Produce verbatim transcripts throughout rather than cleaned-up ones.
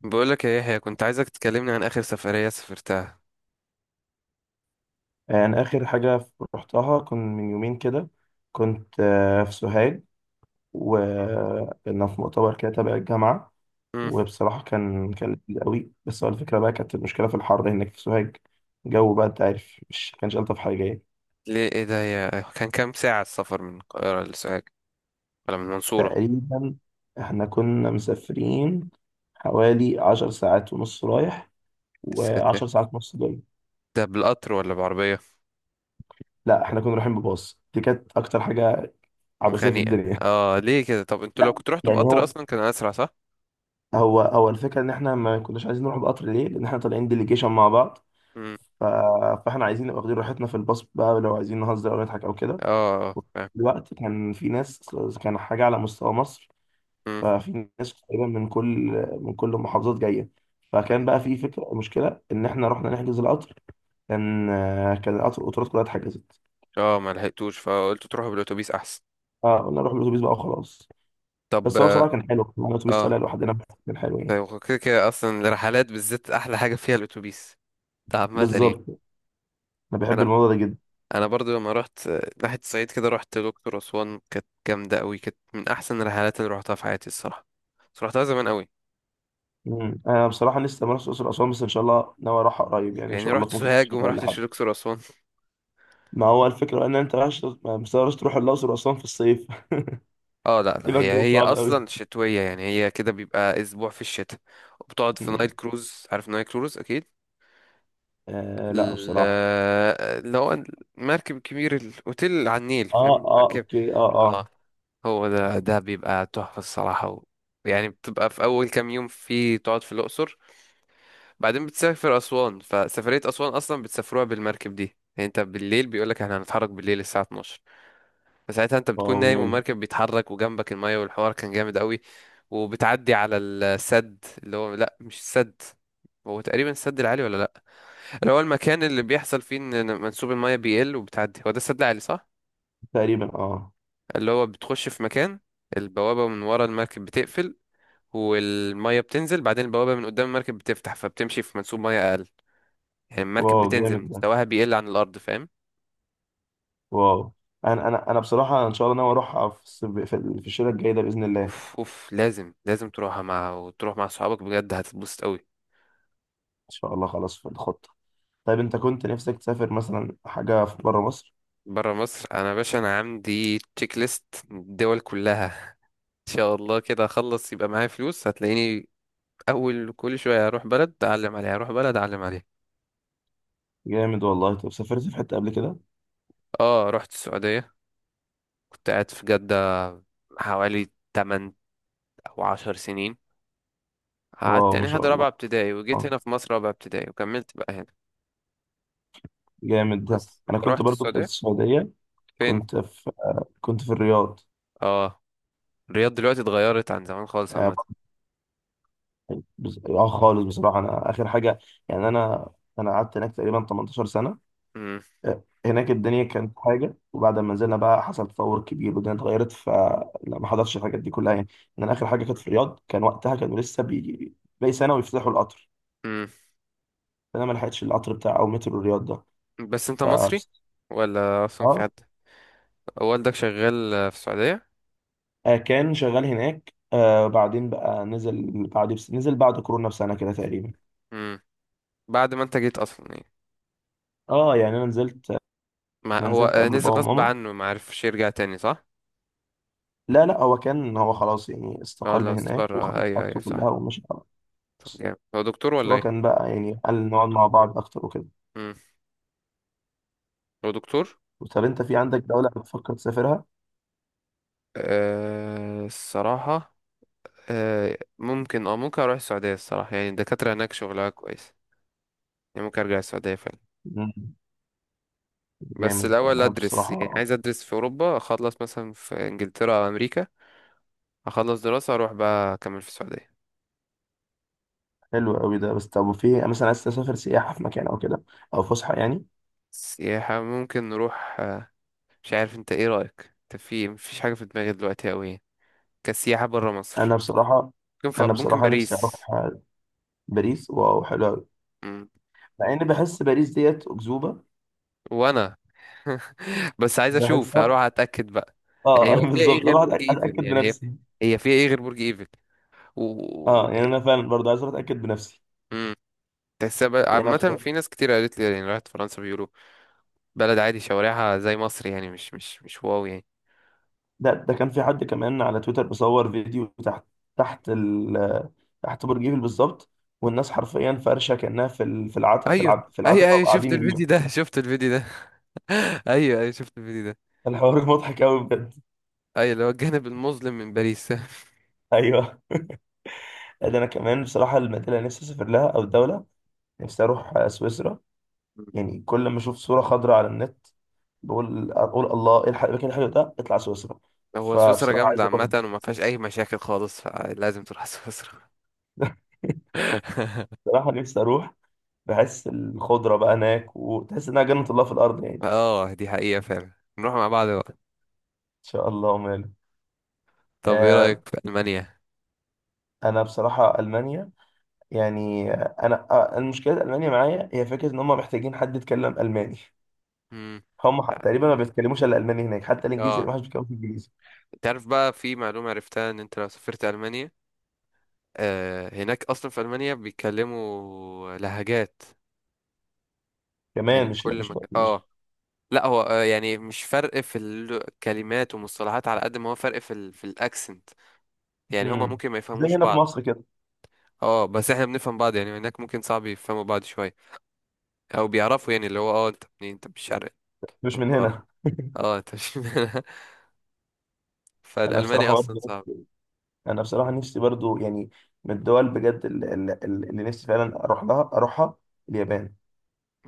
بقولك يا يحيى، كنت عايزك تكلمني عن آخر سفرية سافرتها. يعني آخر حاجة رحتها كان من يومين كده. كنت آه، في سوهاج، وكنا في مؤتمر كده تبع الجامعة. امم وبصراحة كان كان لذيذ قوي، بس هو الفكرة بقى كانت المشكلة في الحر هناك في سوهاج. الجو بقى أنت عارف مش كانش ألطف حاجة يعني. ليه ايه ده يا؟ كان كام ساعة السفر من القاهرة لسوهاج ولا من المنصورة؟ تقريبا إحنا كنا مسافرين حوالي عشر ساعات ونص رايح، لسوهاج وعشر ساعات ونص جاي. ده بالقطر ولا بعربية؟ لا، إحنا كنا رايحين بباص. دي كانت أكتر حاجة عبثية في مخانيقة. الدنيا. اه ليه كده؟ طب انتوا لو لا كنتوا رحتوا يعني، بقطر هو أصلا كان أسرع صح؟ هو هو الفكره ان احنا ما كناش عايزين نروح بقطر، ليه؟ لان احنا طالعين ديليجيشن مع بعض. امم ف... فاحنا عايزين نبقى واخدين راحتنا في الباص بقى، لو عايزين نهزر او نضحك او كده. اه، آه، فاهم. دلوقتي كان في ناس، كان حاجه على مستوى مصر. امم ففي ناس تقريبا من كل من كل المحافظات جايه. فكان أمم. بقى في فكره مشكله ان احنا رحنا نحجز القطر. كان كان القطر القطارات كلها اتحجزت. اه، ما لحقتوش فقلت تروحوا بالأتوبيس أحسن. اه، قلنا نروح بالاتوبيس بقى وخلاص. طب بس هو اه، بصراحه كان حلو، كان معانا اتوبيس آه، طالع لوحدنا. كان حلو يعني. طيب هو كده كده أصلا الرحلات بالذات أحلى حاجة فيها الأتوبيس ده، عامة يعني. بالظبط، انا بحب أنا الموضوع ده جدا. انا برضو لما رحت ناحيه الصعيد كده، رحت دكتور اسوان، كانت جامده قوي، كانت من احسن الرحلات اللي رحتها في حياتي الصراحه، بس رحتها زمان قوي. مم. انا بصراحه لسه ما رحتش الاقصر واسوان، بس ان شاء الله ناوي اروحها قريب يعني، ان يعني شاء الله، رحت في ممكن في سوهاج الشتاء وما ولا حاجه. رحتش دكتور اسوان؟ ما هو الفكره ان انت رايح، ما مستغربش تروح الاقصر واسوان في الصيف. اه، لا لا، يبقى هي الجو هي صعب قوي. اصلا شتويه يعني، هي كده بيبقى اسبوع في الشتاء، وبتقعد في نايل مم. كروز، عارف نايل كروز اكيد؟ آه لا ال- بصراحه. اللي هو المركب الكبير الاوتيل على النيل، اه، فاهم اه، مركب؟ اوكي، اه، اه، اه. هو ده ده بيبقى تحفه الصراحه و... يعني بتبقى في اول كام يوم في، تقعد في الاقصر، بعدين بتسافر أسوان، فسفرية أسوان أصلا بتسافروها بالمركب دي. يعني انت بالليل بيقولك احنا هنتحرك بالليل الساعة اثنا عشر، فساعتها انت بتكون واو نايم جامد. والمركب بيتحرك وجنبك المية، والحوار كان جامد قوي. وبتعدي على السد، اللي هو لا مش السد، هو تقريبا السد العالي ولا لا، اللي هو المكان اللي بيحصل فيه ان منسوب المية بيقل وبتعدي، هو ده السد العالي صح. تقريبا، اه. اللي هو بتخش في مكان، البوابة من ورا المركب بتقفل والمية بتنزل، بعدين البوابة من قدام المركب بتفتح، فبتمشي في منسوب مية أقل. يعني المركب واو بتنزل، جامد ده. مستواها بيقل عن الارض، فاهم؟ واو. انا انا انا بصراحه ان شاء الله ناوي اروحها في الصيف- في في الشتاء الجاي ده باذن الله ان اوف اوف، لازم لازم تروحها مع، وتروح مع صحابك بجد، هتتبسط قوي. شاء الله. خلاص في الخطه. طيب، انت كنت نفسك تسافر مثلا حاجه في بره مصر؟ بره مصر انا يا باشا، انا عندي تشيك ليست الدول كلها. ان شاء الله كده اخلص يبقى معايا فلوس، هتلاقيني اول كل شويه اروح بلد اعلم عليها، اروح بلد اعلم عليها. جامد والله. طب سافرت في حته قبل كده؟ اه رحت السعوديه، كنت قاعد في جده حوالي ثمانية او عشر سنين. قعدت واو يعني ما لحد شاء الله. رابعه ابتدائي وجيت آه. هنا في مصر رابعه ابتدائي وكملت بقى هنا. جامد ده. بس انا انت كنت رحت برضو في السعوديه السعوديه. فين؟ كنت في كنت في الرياض. اه، الرياض دلوقتي اتغيرت عن زمان خالص اه. عامة. بس- آه خالص بصراحه، انا اخر حاجه يعني. انا انا قعدت هناك تقريبا تمنتاشر سنه. مم. آه، هناك الدنيا كانت حاجه، وبعد ما نزلنا بقى حصل تطور كبير والدنيا اتغيرت، فلا ما حضرتش الحاجات دي كلها يعني. ان انا اخر حاجه كانت في الرياض، كان وقتها كانوا لسه بي باقي سنه ويفتحوا القطر. مم. فانا ما لحقتش القطر بتاع او مترو الرياض ده. بس انت ف مصري ولا اصلا في حد اه والدك شغال آه، في السعودية؟ آه، كان شغال هناك. آه بعدين بقى نزل بعد نزل بعد كورونا بسنه كده تقريبا. مم. بعد ما انت جيت اصلا يعني؟ اه يعني انا نزلت ما انا هو نزلت آه، قبل بابا نزل غصب وماما. عنه ما عرفش يرجع تاني صح؟ لا، لا، هو كان هو خلاص يعني، اه استقال لو من هناك استقر آه، وخلص ايوه ايوه حاجته كلها صح. ومشي خلاص. طب جامد، هو دكتور بس ولا هو ايه؟ كان بقى يعني، قال نقعد مع بعض اكتر وكده. مم. هو دكتور؟ طب انت في عندك دولة بتفكر تسافرها؟ أه الصراحة، أه ممكن، اه ممكن اروح السعودية الصراحة، يعني الدكاترة هناك شغلها كويس، يعني ممكن ارجع السعودية فعلا. مم. بس جامد. الأول انا أدرس، يعني بصراحة عايز أدرس في أوروبا، أخلص مثلا في إنجلترا أو أمريكا، أخلص دراسة أروح بقى أكمل في السعودية. حلو قوي ده. بس طب، وفي مثلا عايز تسافر سياحة في مكان او كده، او فسحة يعني؟ سياحة ممكن نروح آه، مش عارف أنت إيه رأيك، أنت في مفيش حاجة في دماغي دلوقتي أوي يعني. كسياحة برا مصر، انا بصراحة ممكن ف... انا ممكن بصراحة نفسي اروح باريس. باريس. واو، حلو قوي. مم. مع اني بحس باريس ديت اكذوبة، وأنا بس عايز أشوف، هروح بحسها. أتأكد بقى. يعني اه. هو فيها إيه بالظبط، غير اروح برج أتأك- إيفل؟ اتاكد يعني هي بنفسي. هي فيها إيه غير برج إيفل و، اه يعني انا فعلا برضه عايز اتاكد بنفسي. مم. تحسها بقى، يعني عامة أنا- في ناس كتير قالت لي يعني راحت فرنسا بيقولوا بلد عادي، شوارعها زي مصر، يعني مش مش مش واو يعني. ده ده كان في حد كمان على تويتر بيصور فيديو تحت تحت ال تحت برج ايفل بالظبط. والناس حرفيا فرشه كانها في ال- في العتبه في ايوه، العتبه في العتبه ايوه ايوه، شفت وقاعدين يبيعوا. الفيديو ده شفت الفيديو ده ايوه ايوه شفت الفيديو ده. الحوار مضحك قوي بجد. ايوه اللي هو الجانب المظلم من باريس. ايوه. ده انا كمان بصراحه، المدينه اللي نفسي اسافر لها او الدوله، نفسي اروح آه، سويسرا. يعني كل ما اشوف صوره خضراء على النت، بقول اقول الله، ايه الح- إيه المكان الحلو ده؟ اطلع سويسرا. هو سويسرا فبصراحه جامدة عايز عامة، اروح. وما فيهاش أي مشاكل خالص، فلازم تروح سويسرا. بصراحه نفسي اروح، بحس الخضرة بقى هناك، وتحس إنها جنة الله في الأرض يعني. إن اه دي حقيقة فعلا، نروح مع بعض بقى. شاء الله وماله. طب ايه آه. رأيك في ألمانيا؟ أنا بصراحة ألمانيا يعني، آه، أنا آه، المشكلة ألمانيا معايا هي فكرة إن هم محتاجين حد يتكلم ألماني. مم. هم ح- تقريبا ما بيتكلموش إلا ألماني هناك، حتى الإنجليزي اه، ما حدش بيتكلم إنجليزي تعرف بقى في معلومة عرفتها ان انت لو سافرت ألمانيا آه، هناك اصلا في ألمانيا بيتكلموا لهجات، كمان. يعني مش لا كل مش مكان مش اه. لا هو آه، يعني مش فرق في الكلمات ومصطلحات على قد ما هو فرق في ال في الاكسنت، يعني هما مم. ممكن ما زي يفهموش هنا في بعض. مصر كده. اه بس احنا بنفهم بعض يعني، هناك ممكن صعب يفهموا بعض شويه، او بيعرفوا يعني اللي هو اه انت منين، انت مش شرق، انت مش من من الغرب، هنا. اه انت مش. أنا فالالماني بصراحة اصلا برضه صعب. أنا بصراحة نفسي برضه يعني، من الدول بجد ال- ال- ال- اللي نفسي فعلا أروح لها أروحها، اليابان.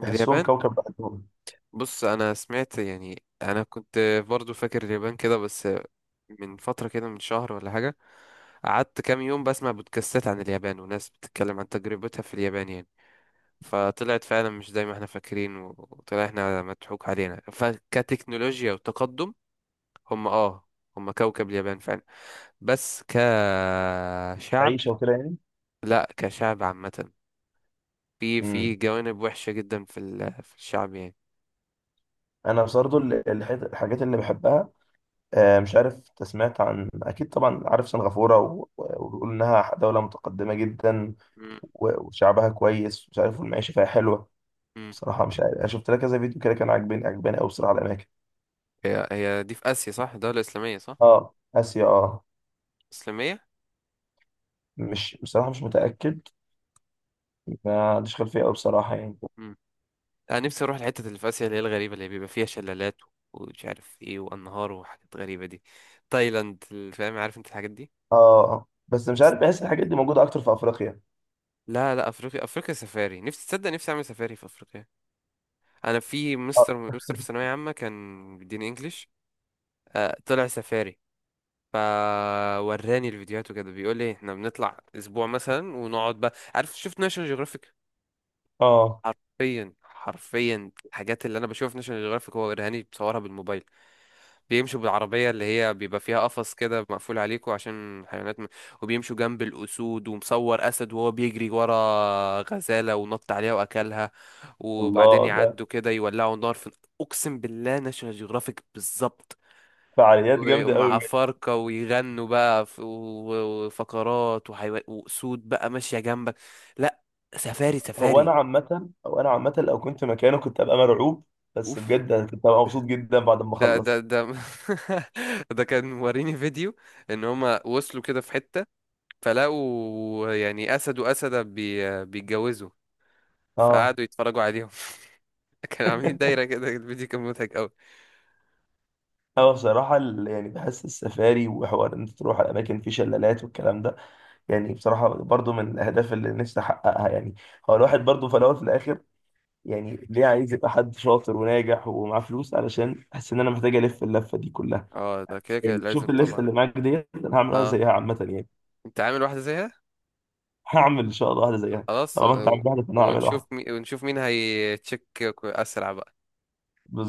بحسهم اليابان؟ كوكب لوحدهم. بص انا سمعت، يعني انا كنت برضو فاكر اليابان كده، بس من فتره كده من شهر ولا حاجه قعدت كام يوم بسمع بودكاستات عن اليابان وناس بتتكلم عن تجربتها في اليابان يعني، فطلعت فعلا مش زي ما احنا فاكرين و- وطلع احنا مضحوك علينا فكتكنولوجيا وتقدم، هم اه، هم كوكب اليابان فعلا. بس كشعب، عيشة وكده يعني. لا كشعب عامة في، في مم. جوانب وحشة جدا في ال- في الشعب يعني. انا برضه ال- الحت- الحاجات اللي بحبها. آه، مش عارف أنت سمعت عن، اكيد طبعا عارف، سنغافوره، و- و- وبيقول انها دوله متقدمه جدا، مم. و- وشعبها كويس مش عارف، والمعيشه فيها حلوه. مم. بصراحه مش عارف، انا شفت لها كذا فيديو كده كان عاجبني عاجباني قوي بصراحه الاماكن. هي هي دي في آسيا صح؟ دولة إسلامية صح؟ اه، اسيا، اه. إسلامية. مش بصراحه مش متاكد. ما عنديش خلفيه قوي بصراحه يعني. مم. أنا نفسي أروح الحتة اللي في آسيا اللي هي الغريبة، اللي بيبقى فيها شلالات ومش عارف إيه وأنهار وحاجات غريبة دي، تايلاند، فاهم، عارف أنت الحاجات اه بس مش عارف، دي؟ بحس الحاجات دي موجوده اكتر في افريقيا. لا لا، افريقيا افريقيا سفاري، نفسي، تصدق نفسي اعمل سفاري في افريقيا. انا في مستر، اه. مستر في ثانويه عامه كان بيديني انجليش، آه، طلع سفاري، فوراني الفيديوهات وكده، بيقول لي احنا بنطلع اسبوع مثلا ونقعد بقى، عارف، شفت ناشونال جيوغرافيك؟ آه. حرفيا حرفيا الحاجات اللي انا بشوفها في ناشونال جيوغرافيك هو وراني بصورها بالموبايل. بيمشوا بالعربية اللي هي بيبقى فيها قفص كده مقفول عليكوا عشان حيوانات م... وبيمشوا جنب الأسود، ومصور أسد وهو بيجري ورا غزالة ونط عليها وأكلها، وبعدين الله، ده يعدوا كده يولعوا نار في. أقسم بالله ناشونال جيوغرافيك بالظبط. فعاليات جامده ومع قوي. فرقة ويغنوا بقى ف- و- وفقرات وحيوان وأسود بقى ماشية جنبك. لا، سفاري هو انا سفاري. عامه، او انا عامه لو كنت مكانه كنت ابقى مرعوب. بس أوف، بجد كنت ابقى مبسوط جدا بعد ما ده ده اخلص. ده ده كان موريني فيديو ان هما وصلوا كده في حتة، فلقوا يعني أسد وأسدة بي... بيتجوزوا، اه. فقعدوا يتفرجوا عليهم. كانوا عاملين دايرة كده، الفيديو كان مضحك أوي. هو بصراحه ال- يعني بحس السفاري وحوار ان انت تروح على اماكن في شلالات والكلام ده، يعني بصراحه برضو من الاهداف اللي نفسي احققها يعني. هو الواحد برضو في الاول وفي الاخر، يعني ليه عايز يبقى حد شاطر وناجح ومعاه فلوس؟ علشان احس ان انا محتاج الف اللفه دي كلها. اه ده كده كده يعني، لازم شفت الليسته طبعا. اللي معاك ديت، انا هعمل واحده اه زيها عامه يعني. انت عامل واحدة زيها؟ هعمل ان شاء الله واحده زيها. خلاص طالما انت و... عامل واحده فانا هعمل واحده. ونشوف مي... ونشوف مين هيتشك أسرع بقى،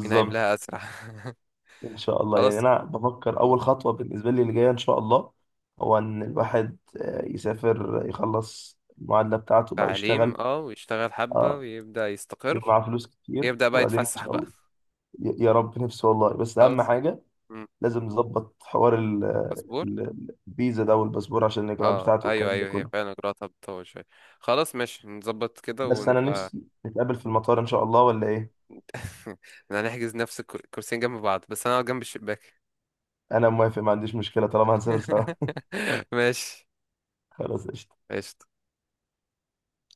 مين هيملاها أسرع. ان شاء الله يعني، خلاص. انا بفكر م. اول خطوه بالنسبه لي اللي جايه ان شاء الله، هو ان الواحد آه، يسافر، يخلص المعادله بتاعته بقى تعليم، ويشتغل. اه ويشتغل حبة اه. ويبدأ يبقى يستقر، معاه فلوس كتير، يبدأ بقى وبعدين ان يتفسح شاء بقى. الله. ي- يا رب، نفسي والله، بس اهم خلاص. حاجه م. لازم نظبط حوار ال- باسبور. ال- الفيزا ده والباسبور، عشان الاجراءات اه بتاعته ايوه والكلام ده ايوه هي كله. فعلا اجراءاتها بتطول شوية. خلاص ماشي، نظبط كده بس انا ونبقى. نفسي نتقابل في المطار ان شاء الله، ولا ايه؟ احنا هنحجز نفس الكر- الكرسيين جنب بعض، بس انا اقعد جنب الشباك. انا موافق، ما عنديش مشكله طالما هنسافر سوا. ماشي. خلاص قشطة. ماشي.